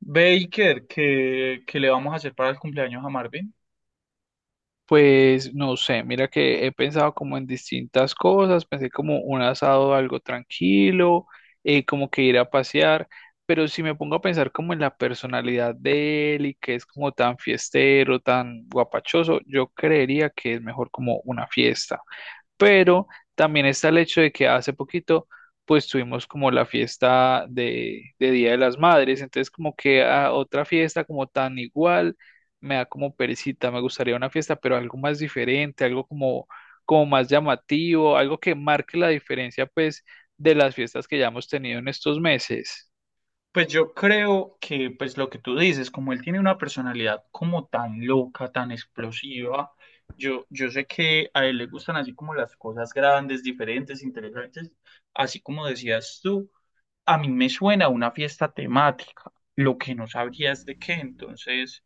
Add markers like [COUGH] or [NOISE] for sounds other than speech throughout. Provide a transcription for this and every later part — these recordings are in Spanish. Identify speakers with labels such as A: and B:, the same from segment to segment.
A: Baker, ¿qué le vamos a hacer para el cumpleaños a Marvin?
B: Pues no sé, mira que he pensado como en distintas cosas, pensé como un asado algo tranquilo, como que ir a pasear, pero si me pongo a pensar como en la personalidad de él y que es como tan fiestero, tan guapachoso, yo creería que es mejor como una fiesta, pero también está el hecho de que hace poquito pues tuvimos como la fiesta de Día de las Madres, entonces como que a otra fiesta como tan igual me da como perecita. Me gustaría una fiesta pero algo más diferente, algo como, como más llamativo, algo que marque la diferencia pues de las fiestas que ya hemos tenido en estos meses.
A: Pues yo creo que, pues lo que tú dices, como él tiene una personalidad como tan loca, tan explosiva, yo sé que a él le gustan así como las cosas grandes, diferentes, interesantes, así como decías tú, a mí me suena a una fiesta temática, lo que no sabría es de qué, entonces,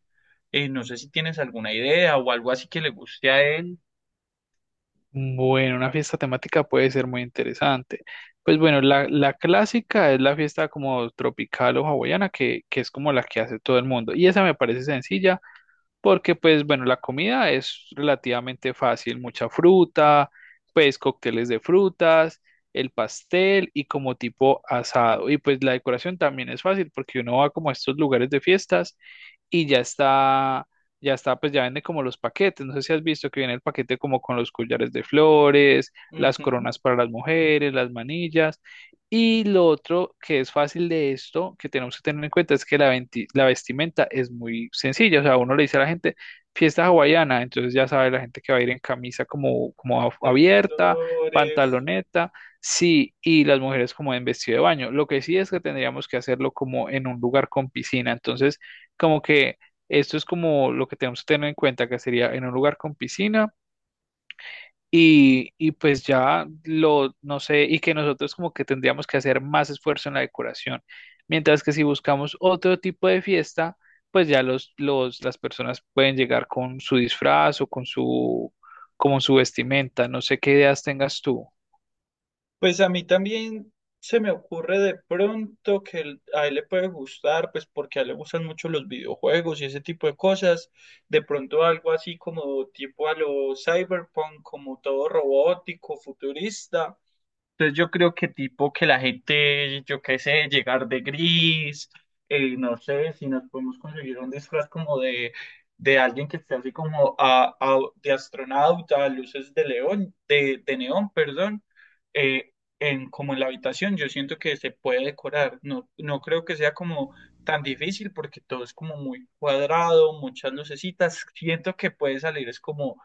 A: no sé si tienes alguna idea o algo así que le guste a él.
B: Bueno, una fiesta temática puede ser muy interesante. Pues bueno, la clásica es la fiesta como tropical o hawaiana, que es como la que hace todo el mundo. Y esa me parece sencilla porque pues bueno, la comida es relativamente fácil, mucha fruta, pues cócteles de frutas, el pastel y como tipo asado. Y pues la decoración también es fácil porque uno va como a estos lugares de fiestas y ya está, pues ya vende como los paquetes. No sé si has visto que viene el paquete como con los collares de flores, las
A: Ujú,
B: coronas para las mujeres, las manillas. Y lo otro que es fácil de esto, que tenemos que tener en cuenta, es que la, la vestimenta es muy sencilla. O sea, uno le dice a la gente fiesta hawaiana, entonces ya sabe la gente que va a ir en camisa como, como
A: de
B: abierta,
A: flores.
B: pantaloneta. Sí, y las mujeres como en vestido de baño. Lo que sí es que tendríamos que hacerlo como en un lugar con piscina. Entonces, como que esto es como lo que tenemos que tener en cuenta, que sería en un lugar con piscina y pues ya lo, no sé, y que nosotros como que tendríamos que hacer más esfuerzo en la decoración. Mientras que si buscamos otro tipo de fiesta, pues ya los, las personas pueden llegar con su disfraz o con su, como su vestimenta. No sé qué ideas tengas tú.
A: Pues a mí también se me ocurre de pronto que a él le puede gustar, pues porque a él le gustan mucho los videojuegos y ese tipo de cosas. De pronto algo así como tipo a lo cyberpunk, como todo robótico, futurista. Entonces yo creo que tipo que la gente, yo qué sé, llegar de gris, no sé, si nos podemos conseguir un disfraz como de alguien que esté así como de astronauta, luces de león, de neón, perdón, eh, en, como en la habitación, yo siento que se puede decorar, no, no creo que sea como tan difícil porque todo es como muy cuadrado, muchas lucecitas, siento que puede salir, es como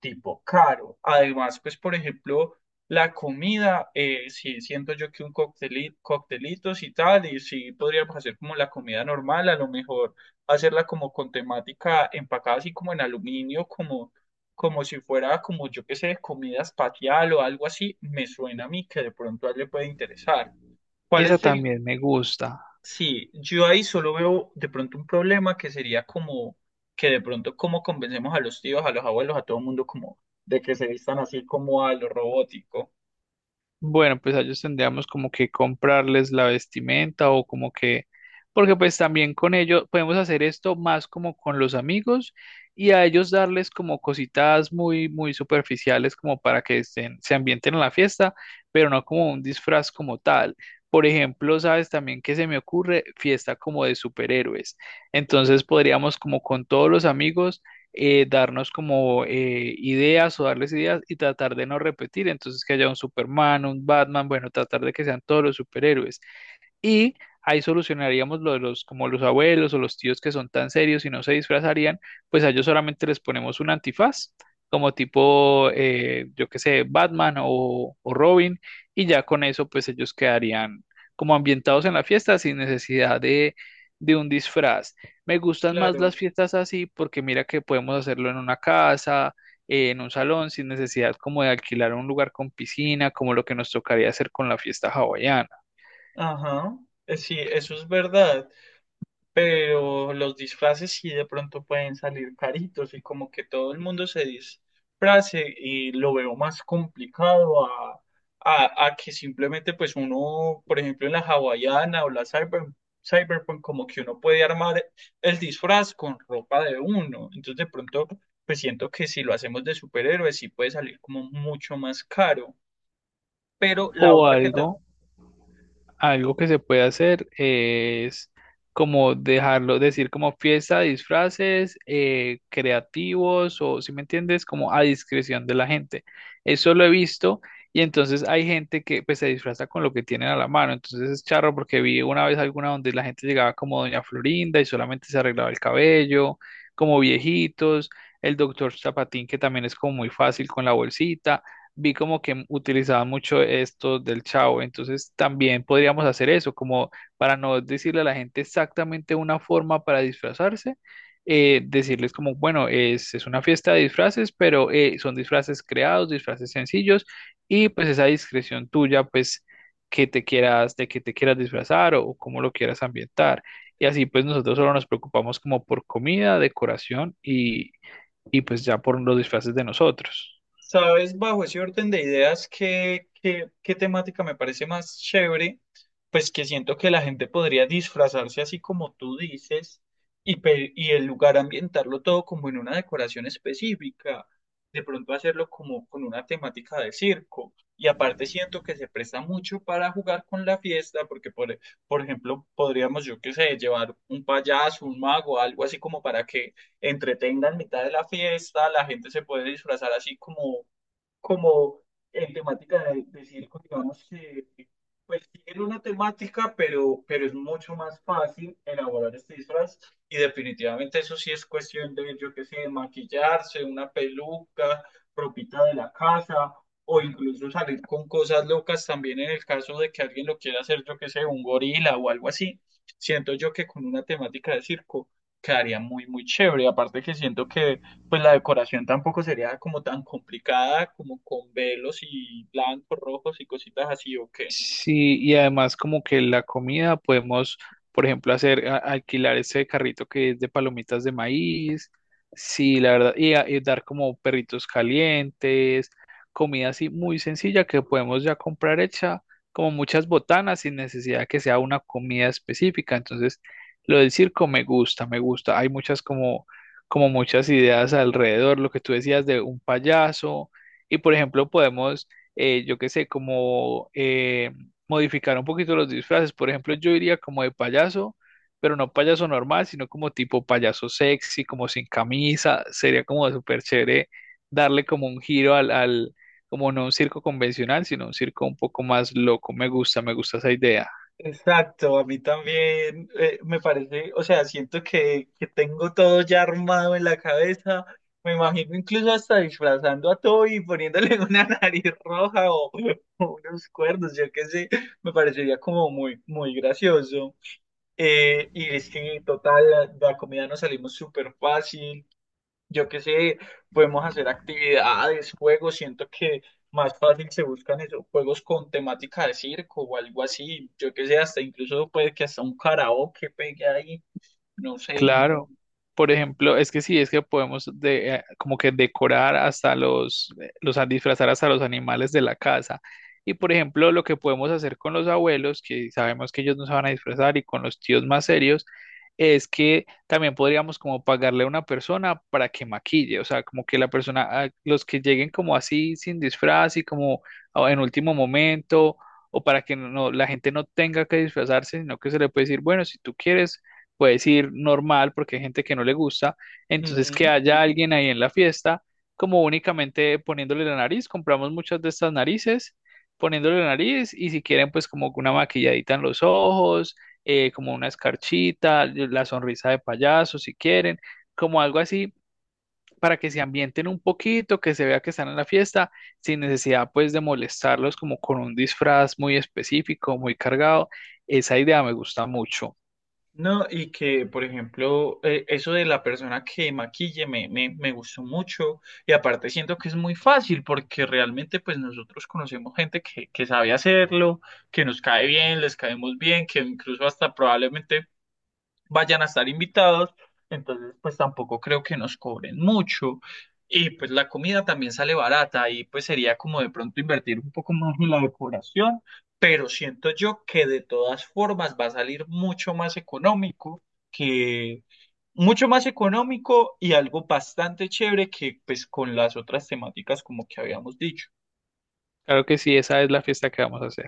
A: tipo caro. Además, pues, por ejemplo, la comida, sí, siento yo que un coctelito, coctelitos y tal, y sí podríamos hacer como la comida normal, a lo mejor hacerla como con temática empacada así como en aluminio, como, como si fuera como yo qué sé, comida espacial o algo así, me suena a mí que de pronto a él le puede interesar. ¿Cuál
B: Esa
A: es el?
B: también me gusta.
A: Sí, yo ahí solo veo de pronto un problema que sería como que de pronto cómo convencemos a los tíos, a los abuelos, a todo el mundo como de que se vistan así como a lo robótico.
B: Bueno, pues a ellos tendríamos como que comprarles la vestimenta o como que, porque pues también con ellos podemos hacer esto más como con los amigos y a ellos darles como cositas muy, muy superficiales como para que estén, se ambienten en la fiesta, pero no como un disfraz como tal. Por ejemplo, sabes también que se me ocurre fiesta como de superhéroes. Entonces podríamos como con todos los amigos darnos como ideas o darles ideas y tratar de no repetir. Entonces, que haya un Superman, un Batman, bueno, tratar de que sean todos los superhéroes y ahí solucionaríamos lo de los, como los abuelos o los tíos que son tan serios y no se disfrazarían, pues a ellos solamente les ponemos un antifaz, como tipo, yo qué sé, Batman o Robin, y ya con eso pues ellos quedarían como ambientados en la fiesta sin necesidad de un disfraz. Me gustan más
A: Claro.
B: las fiestas así porque mira que podemos hacerlo en una casa, en un salón sin necesidad como de alquilar un lugar con piscina, como lo que nos tocaría hacer con la fiesta hawaiana.
A: Ajá. Sí, eso es verdad. Pero los disfraces sí de pronto pueden salir caritos y como que todo el mundo se disfrace y lo veo más complicado a que simplemente pues uno, por ejemplo, en la hawaiana o la cyber, cyberpunk, como que uno puede armar el disfraz con ropa de uno. Entonces de pronto pues siento que si lo hacemos de superhéroes sí puede salir como mucho más caro. Pero
B: O
A: la otra que tal.
B: algo, algo que se puede hacer es como dejarlo, decir como fiesta, disfraces, creativos o, si me entiendes, como a discreción de la gente. Eso lo he visto y entonces hay gente que pues se disfraza con lo que tienen a la mano. Entonces es charro porque vi una vez alguna donde la gente llegaba como Doña Florinda y solamente se arreglaba el cabello, como viejitos, el doctor Zapatín que también es como muy fácil con la bolsita. Vi como que utilizaba mucho esto del chavo, entonces también podríamos hacer eso, como para no decirle a la gente exactamente una forma para disfrazarse, decirles como, bueno, es una fiesta de disfraces, pero son disfraces creados, disfraces sencillos, y pues esa discreción tuya, pues que te quieras, de que te quieras disfrazar o cómo lo quieras ambientar. Y así pues nosotros solo nos preocupamos como por comida, decoración y pues ya por los disfraces de nosotros.
A: ¿Sabes, bajo ese orden de ideas, qué temática me parece más chévere? Pues que siento que la gente podría disfrazarse así como tú dices y, y el lugar ambientarlo todo como en una decoración específica, de pronto hacerlo como con una temática de circo. Y aparte siento que se presta mucho para jugar con la fiesta, porque por ejemplo podríamos, yo qué sé, llevar un payaso, un mago, algo así como para que entretenga en mitad de la fiesta, la gente se puede disfrazar así como como en temática de circo, digamos que pues tienen una temática, pero es mucho más fácil elaborar este disfraz y definitivamente eso sí es cuestión de, yo qué sé, maquillarse, una peluca propita de la casa o incluso salir con cosas locas también en el caso de que alguien lo quiera hacer, yo qué sé, un gorila o algo así. Siento yo que con una temática de circo quedaría muy, muy chévere. Aparte que siento que pues la decoración tampoco sería como tan complicada, como con velos y blancos, rojos y cositas así, ¿o qué?
B: Sí, y además como que la comida podemos, por ejemplo, hacer, alquilar ese carrito que es de palomitas de maíz, sí, la verdad, y, y dar como perritos calientes, comida así muy sencilla que podemos ya comprar hecha, como muchas botanas sin necesidad que sea una comida específica. Entonces, lo del circo me gusta, me gusta. Hay muchas como, como muchas ideas alrededor, lo que tú decías de un payaso, y por ejemplo, podemos yo qué sé, como modificar un poquito los disfraces. Por ejemplo, yo iría como de payaso, pero no payaso normal, sino como tipo payaso sexy, como sin camisa. Sería como súper chévere darle como un giro al, al, como no un circo convencional, sino un circo un poco más loco. Me gusta esa idea.
A: Exacto, a mí también me parece, o sea, siento que tengo todo ya armado en la cabeza. Me imagino incluso hasta disfrazando a Toby y poniéndole [LAUGHS] una nariz roja o unos cuernos, yo qué sé, me parecería como muy, muy gracioso. Y es que, total, la comida nos salimos súper fácil. Yo qué sé, podemos hacer actividades, juegos, siento que más fácil se buscan esos juegos con temática de circo o algo así, yo qué sé, hasta incluso puede que hasta un karaoke pegue ahí, no sé, mm,
B: Claro, por ejemplo, es que sí, es que podemos de, como que decorar hasta los disfrazar hasta los animales de la casa. Y por ejemplo, lo que podemos hacer con los abuelos, que sabemos que ellos no se van a disfrazar, y con los tíos más serios, es que también podríamos como pagarle a una persona para que maquille, o sea, como que la persona, ah, los que lleguen como así sin disfraz y como ah, en último momento, o para que no, no, la gente no tenga que disfrazarse, sino que se le puede decir, bueno, si tú quieres puedes ir normal porque hay gente que no le gusta, entonces que
A: ujú.
B: haya alguien ahí en la fiesta, como únicamente poniéndole la nariz, compramos muchas de estas narices, poniéndole la nariz y si quieren pues como una maquilladita en los ojos, como una escarchita, la sonrisa de payaso si quieren, como algo así para que se ambienten un poquito, que se vea que están en la fiesta, sin necesidad pues de molestarlos como con un disfraz muy específico, muy cargado. Esa idea me gusta mucho.
A: No, y que, por ejemplo, eso de la persona que maquille me gustó mucho y aparte siento que es muy fácil porque realmente pues nosotros conocemos gente que sabe hacerlo, que nos cae bien, les caemos bien, que incluso hasta probablemente vayan a estar invitados, entonces pues tampoco creo que nos cobren mucho. Y pues la comida también sale barata y pues sería como de pronto invertir un poco más en la decoración, pero siento yo que de todas formas va a salir mucho más económico que mucho más económico y algo bastante chévere que pues con las otras temáticas como que habíamos dicho.
B: Claro que sí, esa es la fiesta que vamos a hacer.